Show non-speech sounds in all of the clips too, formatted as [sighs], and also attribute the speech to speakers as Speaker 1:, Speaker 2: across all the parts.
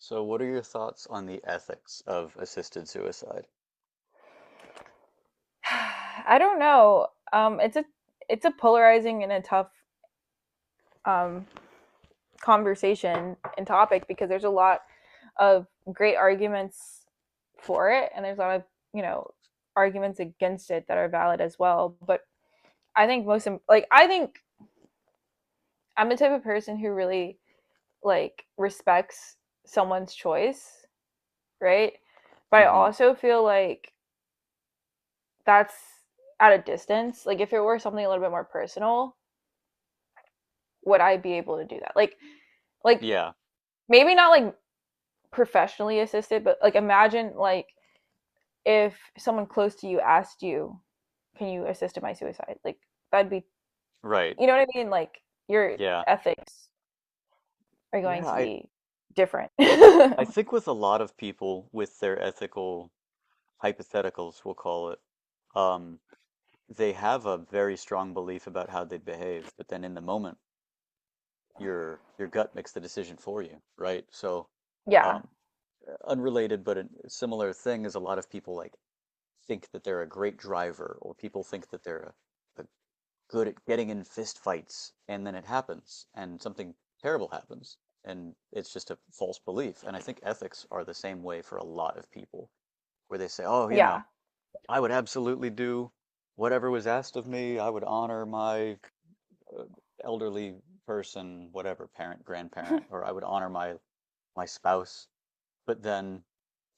Speaker 1: So, what are your thoughts on the ethics of assisted suicide?
Speaker 2: [sighs] I don't know. It's a polarizing and a tough um, conversation and topic because there's a lot of great arguments for it, and there's a lot of you know arguments against it that are valid as well. But I think I'm the type of person who really like respects someone's choice, right? But I
Speaker 1: Hmm.
Speaker 2: also feel like that's at a distance. Like if it were something a little bit more personal, would I be able to do that? Like
Speaker 1: Yeah,
Speaker 2: maybe not like professionally assisted, but like imagine like if someone close to you asked you, "Can you assist in my suicide?" Like that'd be
Speaker 1: right.
Speaker 2: you know what I mean? Like your
Speaker 1: Yeah.
Speaker 2: ethics are going
Speaker 1: Yeah,
Speaker 2: to
Speaker 1: I
Speaker 2: be different. [laughs]
Speaker 1: I think with a lot of people with their ethical hypotheticals, we'll call it, um, they have a very strong belief about how they'd behave, but then in the moment, your gut makes the decision for you, right? So,
Speaker 2: yeah.
Speaker 1: um, unrelated but a similar thing is a lot of people like think that they're a great driver, or people think that they're a good at getting in fist fights, and then it happens and something terrible happens, and it's just a false belief. And I think ethics are the same way for a lot of people, where they say, oh, you
Speaker 2: Yeah.
Speaker 1: know, I would absolutely do whatever was asked of me. I would honor my uh, elderly person, whatever, parent, grandparent, or I would honor my spouse. But then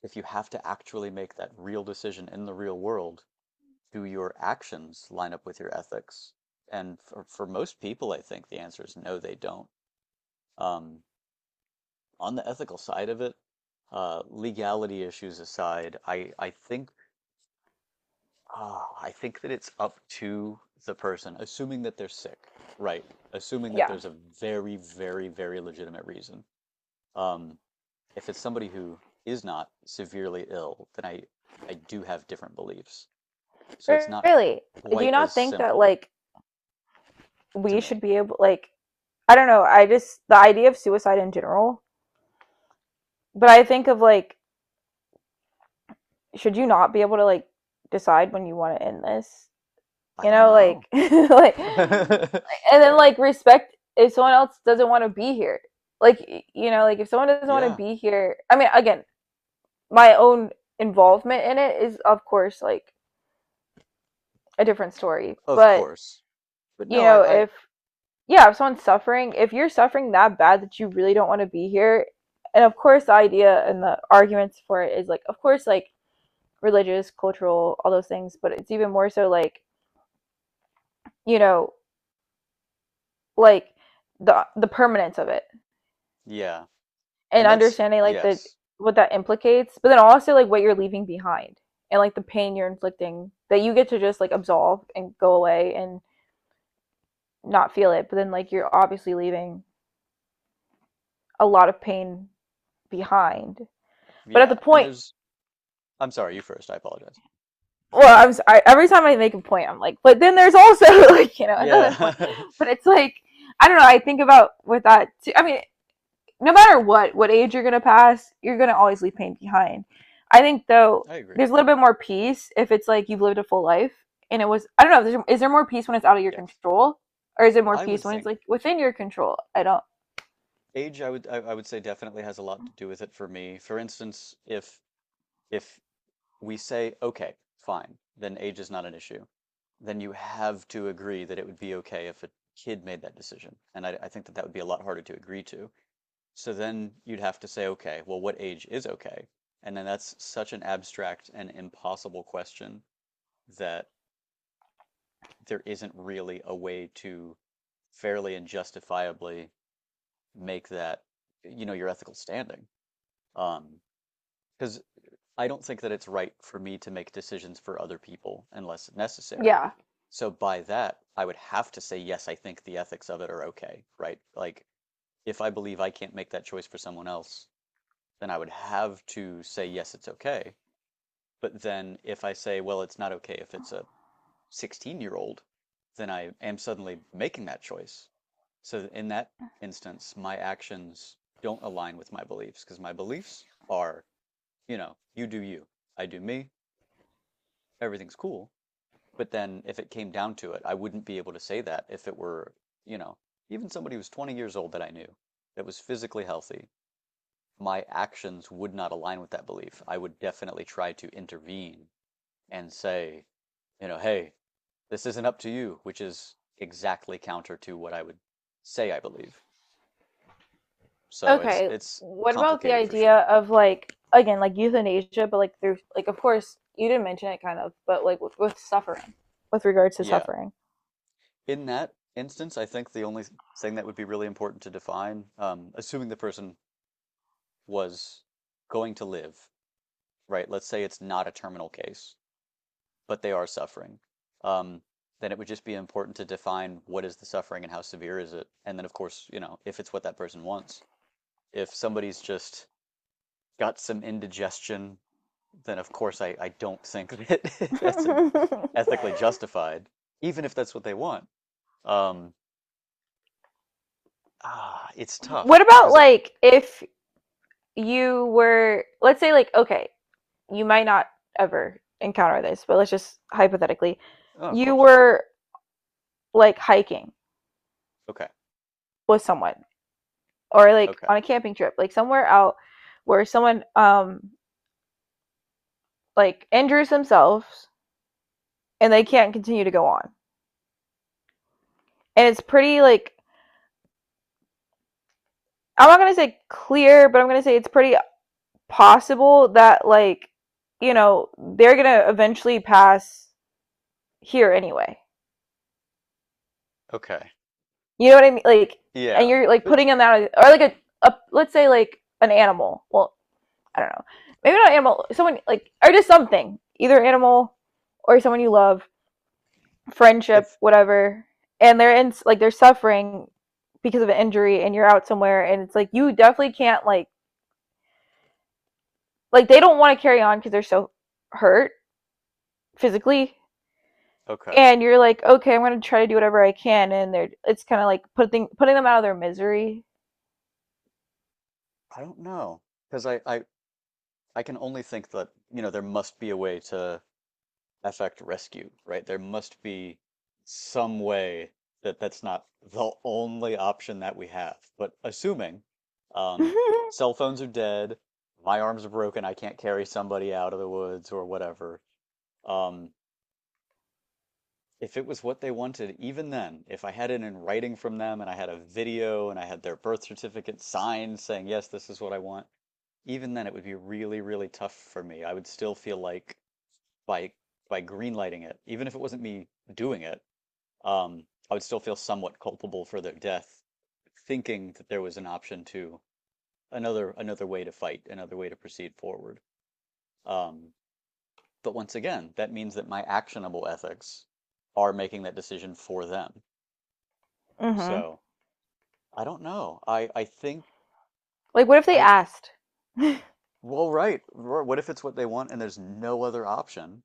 Speaker 1: if you have to actually make that real decision in the real world, do your actions line up with your ethics? And for, most people, I think the answer is no, they don't. Um, on the ethical side of it, legality issues aside, I think I think that it's up to the person, assuming that they're sick, right? Assuming that
Speaker 2: Yeah.
Speaker 1: there's a very, very, very legitimate reason. Um, if it's somebody who is not severely ill, then I do have different beliefs. So it's not
Speaker 2: Really. Do you
Speaker 1: quite as
Speaker 2: not think that
Speaker 1: simple
Speaker 2: like
Speaker 1: to
Speaker 2: we
Speaker 1: me.
Speaker 2: should be able like I don't know, I just the idea of suicide in general, but I think of like should you not be able to like decide when you want to end this?
Speaker 1: I don't know.
Speaker 2: Like, [laughs] like,
Speaker 1: [laughs]
Speaker 2: and then like respect if someone else doesn't want to be here. Like, like if someone doesn't want to
Speaker 1: Yeah,
Speaker 2: be here, I mean, again, my own involvement in it is of course like a different story.
Speaker 1: of
Speaker 2: But,
Speaker 1: course. But no,
Speaker 2: if yeah, if someone's suffering, if you're suffering that bad that you really don't want to be here, and of course the idea and the arguments for it is like of course like religious, cultural, all those things, but it's even more so like, you know, like the permanence of it
Speaker 1: yeah.
Speaker 2: and
Speaker 1: And that's,
Speaker 2: understanding like the
Speaker 1: yes.
Speaker 2: what that implicates, but then also like what you're leaving behind and like the pain you're inflicting that you get to just like absolve and go away and not feel it, but then like you're obviously leaving a lot of pain behind. But at
Speaker 1: Yeah.
Speaker 2: the
Speaker 1: And
Speaker 2: point,
Speaker 1: there's, I'm sorry, you first. I apologize.
Speaker 2: well, I, every time I make a point, I'm like, but then there's also [laughs] like another point,
Speaker 1: Yeah.
Speaker 2: but it's like I don't know. I think about with that too. I mean, no matter what age you're gonna pass, you're gonna always leave pain behind. I think though,
Speaker 1: [laughs] I agree.
Speaker 2: there's a little bit more peace if it's like you've lived a full life and it was. I don't know. Is there more peace when it's out of your
Speaker 1: Yes.
Speaker 2: control, or is it more
Speaker 1: I would
Speaker 2: peace when it's
Speaker 1: think
Speaker 2: like within your control? I don't.
Speaker 1: age, I would say definitely has a lot to do with it for me. For instance, if we say, okay, fine, then age is not an issue, then you have to agree that it would be okay if a kid made that decision. And I think that that would be a lot harder to agree to. So then you'd have to say, okay, well, what age is okay? And then that's such an abstract and impossible question that there isn't really a way to fairly and justifiably make that, you know, your ethical standing. Um, because I don't think that it's right for me to make decisions for other people unless necessary.
Speaker 2: Yeah.
Speaker 1: So by that, I would have to say, yes, I think the ethics of it are okay, right? Like, if I believe I can't make that choice for someone else, then I would have to say, yes, it's okay. But then if I say, well, it's not okay if it's a 16-year-old, then I am suddenly making that choice. So in that instance, my actions don't align with my beliefs, because my beliefs are, you know, you do you, I do me, everything's cool. But then if it came down to it, I wouldn't be able to say that if it were, you know, even somebody who was 20 years old that I knew that was physically healthy, my actions would not align with that belief. I would definitely try to intervene and say, you know, hey, this isn't up to you, which is exactly counter to what I would say I believe. So it's
Speaker 2: Okay.
Speaker 1: it's
Speaker 2: What about the
Speaker 1: complicated for
Speaker 2: idea
Speaker 1: sure.
Speaker 2: of like again like euthanasia, but like through like of course you didn't mention it kind of, but like with suffering, with regards to
Speaker 1: Yeah.
Speaker 2: suffering.
Speaker 1: In that instance, I think the only thing that would be really important to define, assuming the person was going to live, right? Let's say it's not a terminal case but they are suffering, um, then it would just be important to define what is the suffering and how severe is it. And then, of course, you know, if it's what that person wants. If somebody's just got some indigestion, then of course I don't think that [laughs] that's a,
Speaker 2: [laughs]
Speaker 1: ethically justified, even if that's what they want. Um, it's
Speaker 2: What
Speaker 1: tough
Speaker 2: about
Speaker 1: because I,
Speaker 2: like if you were, let's say, like, okay, you might not ever encounter this, but let's just hypothetically,
Speaker 1: oh, of
Speaker 2: you
Speaker 1: course.
Speaker 2: were like hiking
Speaker 1: Okay.
Speaker 2: with someone or like
Speaker 1: Okay.
Speaker 2: on a camping trip, like somewhere out where someone like injures themselves and they can't continue to go on. And it's pretty like I'm not gonna say clear, but I'm gonna say it's pretty possible that like, you know, they're gonna eventually pass here anyway.
Speaker 1: Okay.
Speaker 2: You know what I mean? Like, and
Speaker 1: Yeah.
Speaker 2: you're like
Speaker 1: But
Speaker 2: putting them out, or like a let's say like an animal. Well, I don't know. Maybe not an animal. Someone like, or just something. Either animal or someone you love, friendship,
Speaker 1: if,
Speaker 2: whatever. And they're in like they're suffering because of an injury, and you're out somewhere, and it's like you definitely can't like they don't want to carry on because they're so hurt physically
Speaker 1: okay.
Speaker 2: and you're like okay, I'm going to try to do whatever I can and they're it's kind of like putting them out of their misery.
Speaker 1: I don't know because I can only think that, you know, there must be a way to affect rescue, right? There must be some way that that's not the only option that we have. But assuming
Speaker 2: [laughs]
Speaker 1: um,
Speaker 2: Mm-hmm.
Speaker 1: cell phones are dead, my arms are broken, I can't carry somebody out of the woods or whatever. Um, if it was what they wanted, even then, if I had it in writing from them and I had a video and I had their birth certificate signed saying, yes, this is what I want, even then it would be really, really tough for me. I would still feel like by by greenlighting it, even if it wasn't me doing it, um, I would still feel somewhat culpable for their death, thinking that there was an option to another way to fight, another way to proceed forward. Um, but once again, that means that my actionable ethics are making that decision for them. So I don't know. I think
Speaker 2: Like, what if
Speaker 1: I
Speaker 2: they asked?
Speaker 1: Well, right. What if it's what they want and there's no other option?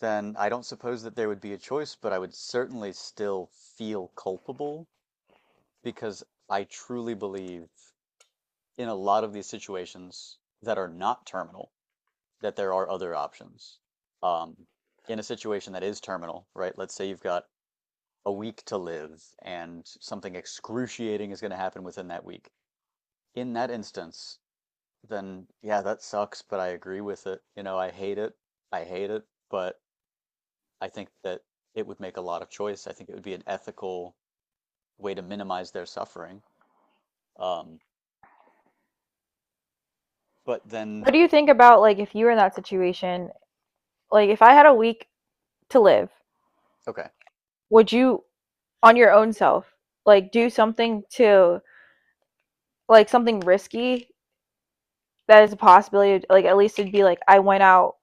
Speaker 1: Then I don't suppose that there would be a choice, but I would certainly still feel culpable, because I truly believe in a lot of these situations that are not terminal that there are other options. Um, in a situation that is terminal, right? Let's say you've got a week to live and something excruciating is going to happen within that week. In that instance, then yeah, that sucks, but I agree with it. You know, I hate it. I hate it, but I think that it would make a lot of choice. I think it would be an ethical way to minimize their suffering. Um, but then,
Speaker 2: What do you think about like if you were in that situation? Like, if I had a week to live,
Speaker 1: okay.
Speaker 2: would you, on your own self, like do something to like something risky that is a possibility? Like, at least it'd be like I went out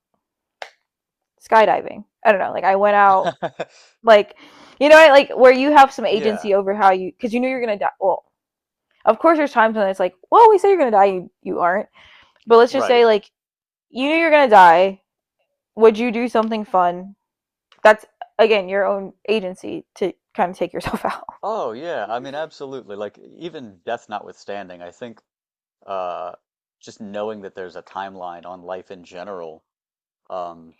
Speaker 2: skydiving. I don't know. Like, I went out
Speaker 1: [laughs]
Speaker 2: like, like where you have some
Speaker 1: Yeah,
Speaker 2: agency over how you because you knew you're gonna die. Well, of course, there's times when it's like, well, we said you're gonna die, you aren't. But let's just
Speaker 1: right.
Speaker 2: say like you knew you're gonna die. Would you do something fun that's again your own agency to kind of take yourself [laughs] out.
Speaker 1: Oh, yeah. I mean, absolutely. Like, even death notwithstanding, I think uh just knowing that there's a timeline on life in general um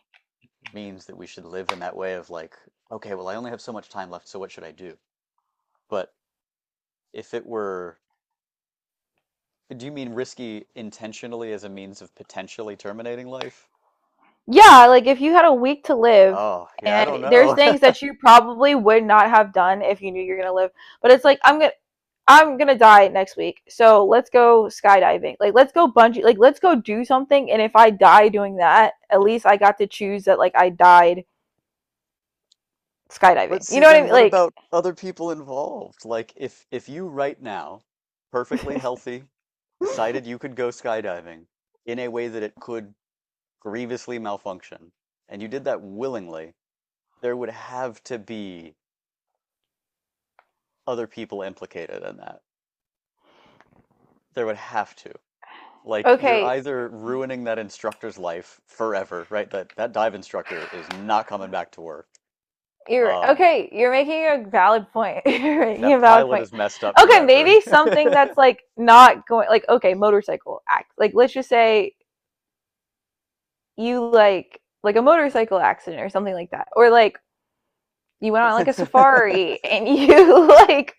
Speaker 1: means that we should live in that way of like, okay, well, I only have so much time left, so what should I do? But if it were, do you mean risky intentionally as a means of potentially terminating life?
Speaker 2: Yeah, like if you had a week to live
Speaker 1: Oh, yeah, I
Speaker 2: and
Speaker 1: don't
Speaker 2: there's
Speaker 1: know.
Speaker 2: things
Speaker 1: [laughs]
Speaker 2: that you probably would not have done if you knew you're going to live, but it's like I'm going to I'm gonna die next week, so let's go skydiving. Like, let's go bungee. Like, let's go do something. And if I die doing that, at least I got to choose that. Like, I died
Speaker 1: But
Speaker 2: skydiving. You
Speaker 1: see,
Speaker 2: know what I
Speaker 1: then what
Speaker 2: mean?
Speaker 1: about other people involved? Like, if you right now, perfectly healthy,
Speaker 2: Like,
Speaker 1: decided you could go skydiving in a way that it could grievously malfunction, and you did that willingly, there would have to be other people implicated in that. There would have to.
Speaker 2: [laughs]
Speaker 1: Like, you're
Speaker 2: okay.
Speaker 1: either ruining that instructor's life forever, right? That dive instructor is not coming back to work.
Speaker 2: You're
Speaker 1: Um,
Speaker 2: okay. You're making a valid point. [laughs] You're making
Speaker 1: that
Speaker 2: a valid
Speaker 1: pilot
Speaker 2: point.
Speaker 1: is messed up
Speaker 2: Okay,
Speaker 1: forever.
Speaker 2: maybe something that's like not going like okay, motorcycle act. Like let's just say you like a motorcycle accident or something like that. Or like you went on like a safari
Speaker 1: [laughs]
Speaker 2: and [laughs] you like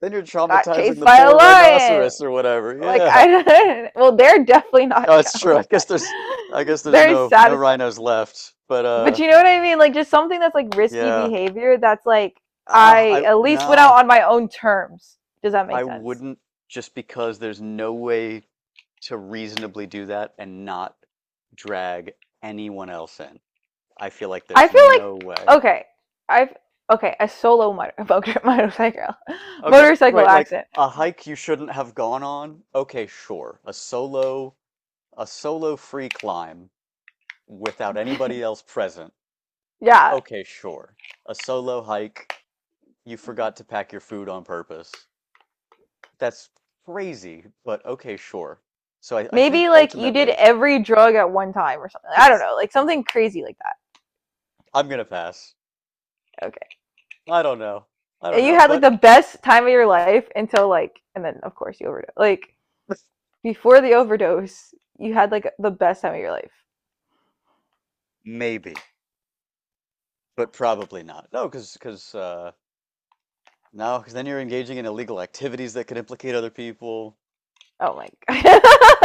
Speaker 1: Then you're
Speaker 2: got
Speaker 1: traumatizing
Speaker 2: chased
Speaker 1: the
Speaker 2: by a
Speaker 1: poor
Speaker 2: lion.
Speaker 1: rhinoceros or whatever.
Speaker 2: Like
Speaker 1: Yeah.
Speaker 2: I [laughs] don't well, they're definitely not
Speaker 1: Oh, it's true.
Speaker 2: traumatized.
Speaker 1: I guess
Speaker 2: [laughs]
Speaker 1: there's
Speaker 2: They're
Speaker 1: no
Speaker 2: satisfied.
Speaker 1: rhinos left. But
Speaker 2: But you know what I mean? Like just something that's like risky
Speaker 1: yeah.
Speaker 2: behavior that's like
Speaker 1: Ah,
Speaker 2: I
Speaker 1: I
Speaker 2: at least went
Speaker 1: no,
Speaker 2: out on my own terms. Does that
Speaker 1: I
Speaker 2: make sense?
Speaker 1: wouldn't, just because there's no way to reasonably do that and not drag anyone else in. I feel like
Speaker 2: I
Speaker 1: there's
Speaker 2: feel
Speaker 1: no way.
Speaker 2: like okay. I've okay, a solo [laughs] motorcycle
Speaker 1: Okay,
Speaker 2: motorcycle
Speaker 1: right, like
Speaker 2: accident.
Speaker 1: a hike you shouldn't have gone on. Okay, sure. A solo free climb without anybody
Speaker 2: [laughs]
Speaker 1: else present.
Speaker 2: Yeah.
Speaker 1: Okay, sure. A solo hike, you forgot to pack your food on purpose. That's crazy, but okay, sure. So I think
Speaker 2: Maybe like you did
Speaker 1: ultimately
Speaker 2: every drug at one time or something. I don't know.
Speaker 1: [laughs]
Speaker 2: Like something crazy like that.
Speaker 1: I'm gonna pass.
Speaker 2: Okay.
Speaker 1: I don't know. I don't
Speaker 2: And you
Speaker 1: know,
Speaker 2: had like
Speaker 1: but
Speaker 2: the best time of your life until like and then of course you overdose. Like
Speaker 1: [laughs]
Speaker 2: before the overdose, you had like the best time of your life.
Speaker 1: maybe, but probably not. No, because, no, because then you're engaging in illegal activities that could implicate other people.
Speaker 2: Oh my god.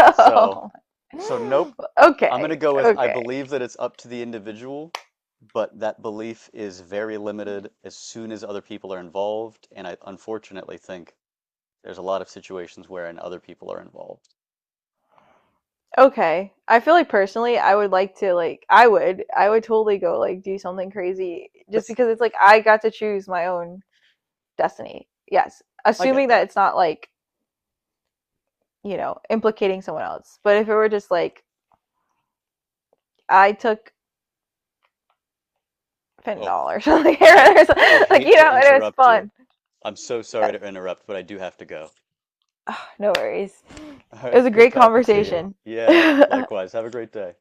Speaker 2: [laughs]
Speaker 1: So
Speaker 2: Oh my-
Speaker 1: Nope. I'm going
Speaker 2: Okay.
Speaker 1: to go with I
Speaker 2: Okay.
Speaker 1: believe that it's up to the individual, but that belief is very limited as soon as other people are involved. And I unfortunately think there's a lot of situations wherein other people are involved.
Speaker 2: Okay. I feel like personally I would like to like I would totally go like do something crazy just because it's
Speaker 1: [laughs]
Speaker 2: like I got to choose my own destiny. Yes.
Speaker 1: I get
Speaker 2: Assuming that
Speaker 1: that.
Speaker 2: it's not like, implicating someone else. But if it were just like I took
Speaker 1: Oh,
Speaker 2: fentanyl or something [laughs]
Speaker 1: I
Speaker 2: or
Speaker 1: I
Speaker 2: something, like
Speaker 1: hate to
Speaker 2: and it was
Speaker 1: interrupt you.
Speaker 2: fun.
Speaker 1: I'm so sorry
Speaker 2: Yes.
Speaker 1: to
Speaker 2: [sighs]
Speaker 1: interrupt, but I do have to go.
Speaker 2: Ah, no worries.
Speaker 1: [laughs]
Speaker 2: It was
Speaker 1: It's
Speaker 2: a
Speaker 1: good
Speaker 2: great
Speaker 1: talking to you.
Speaker 2: conversation.
Speaker 1: Yeah,
Speaker 2: [laughs]
Speaker 1: likewise. Have a great day.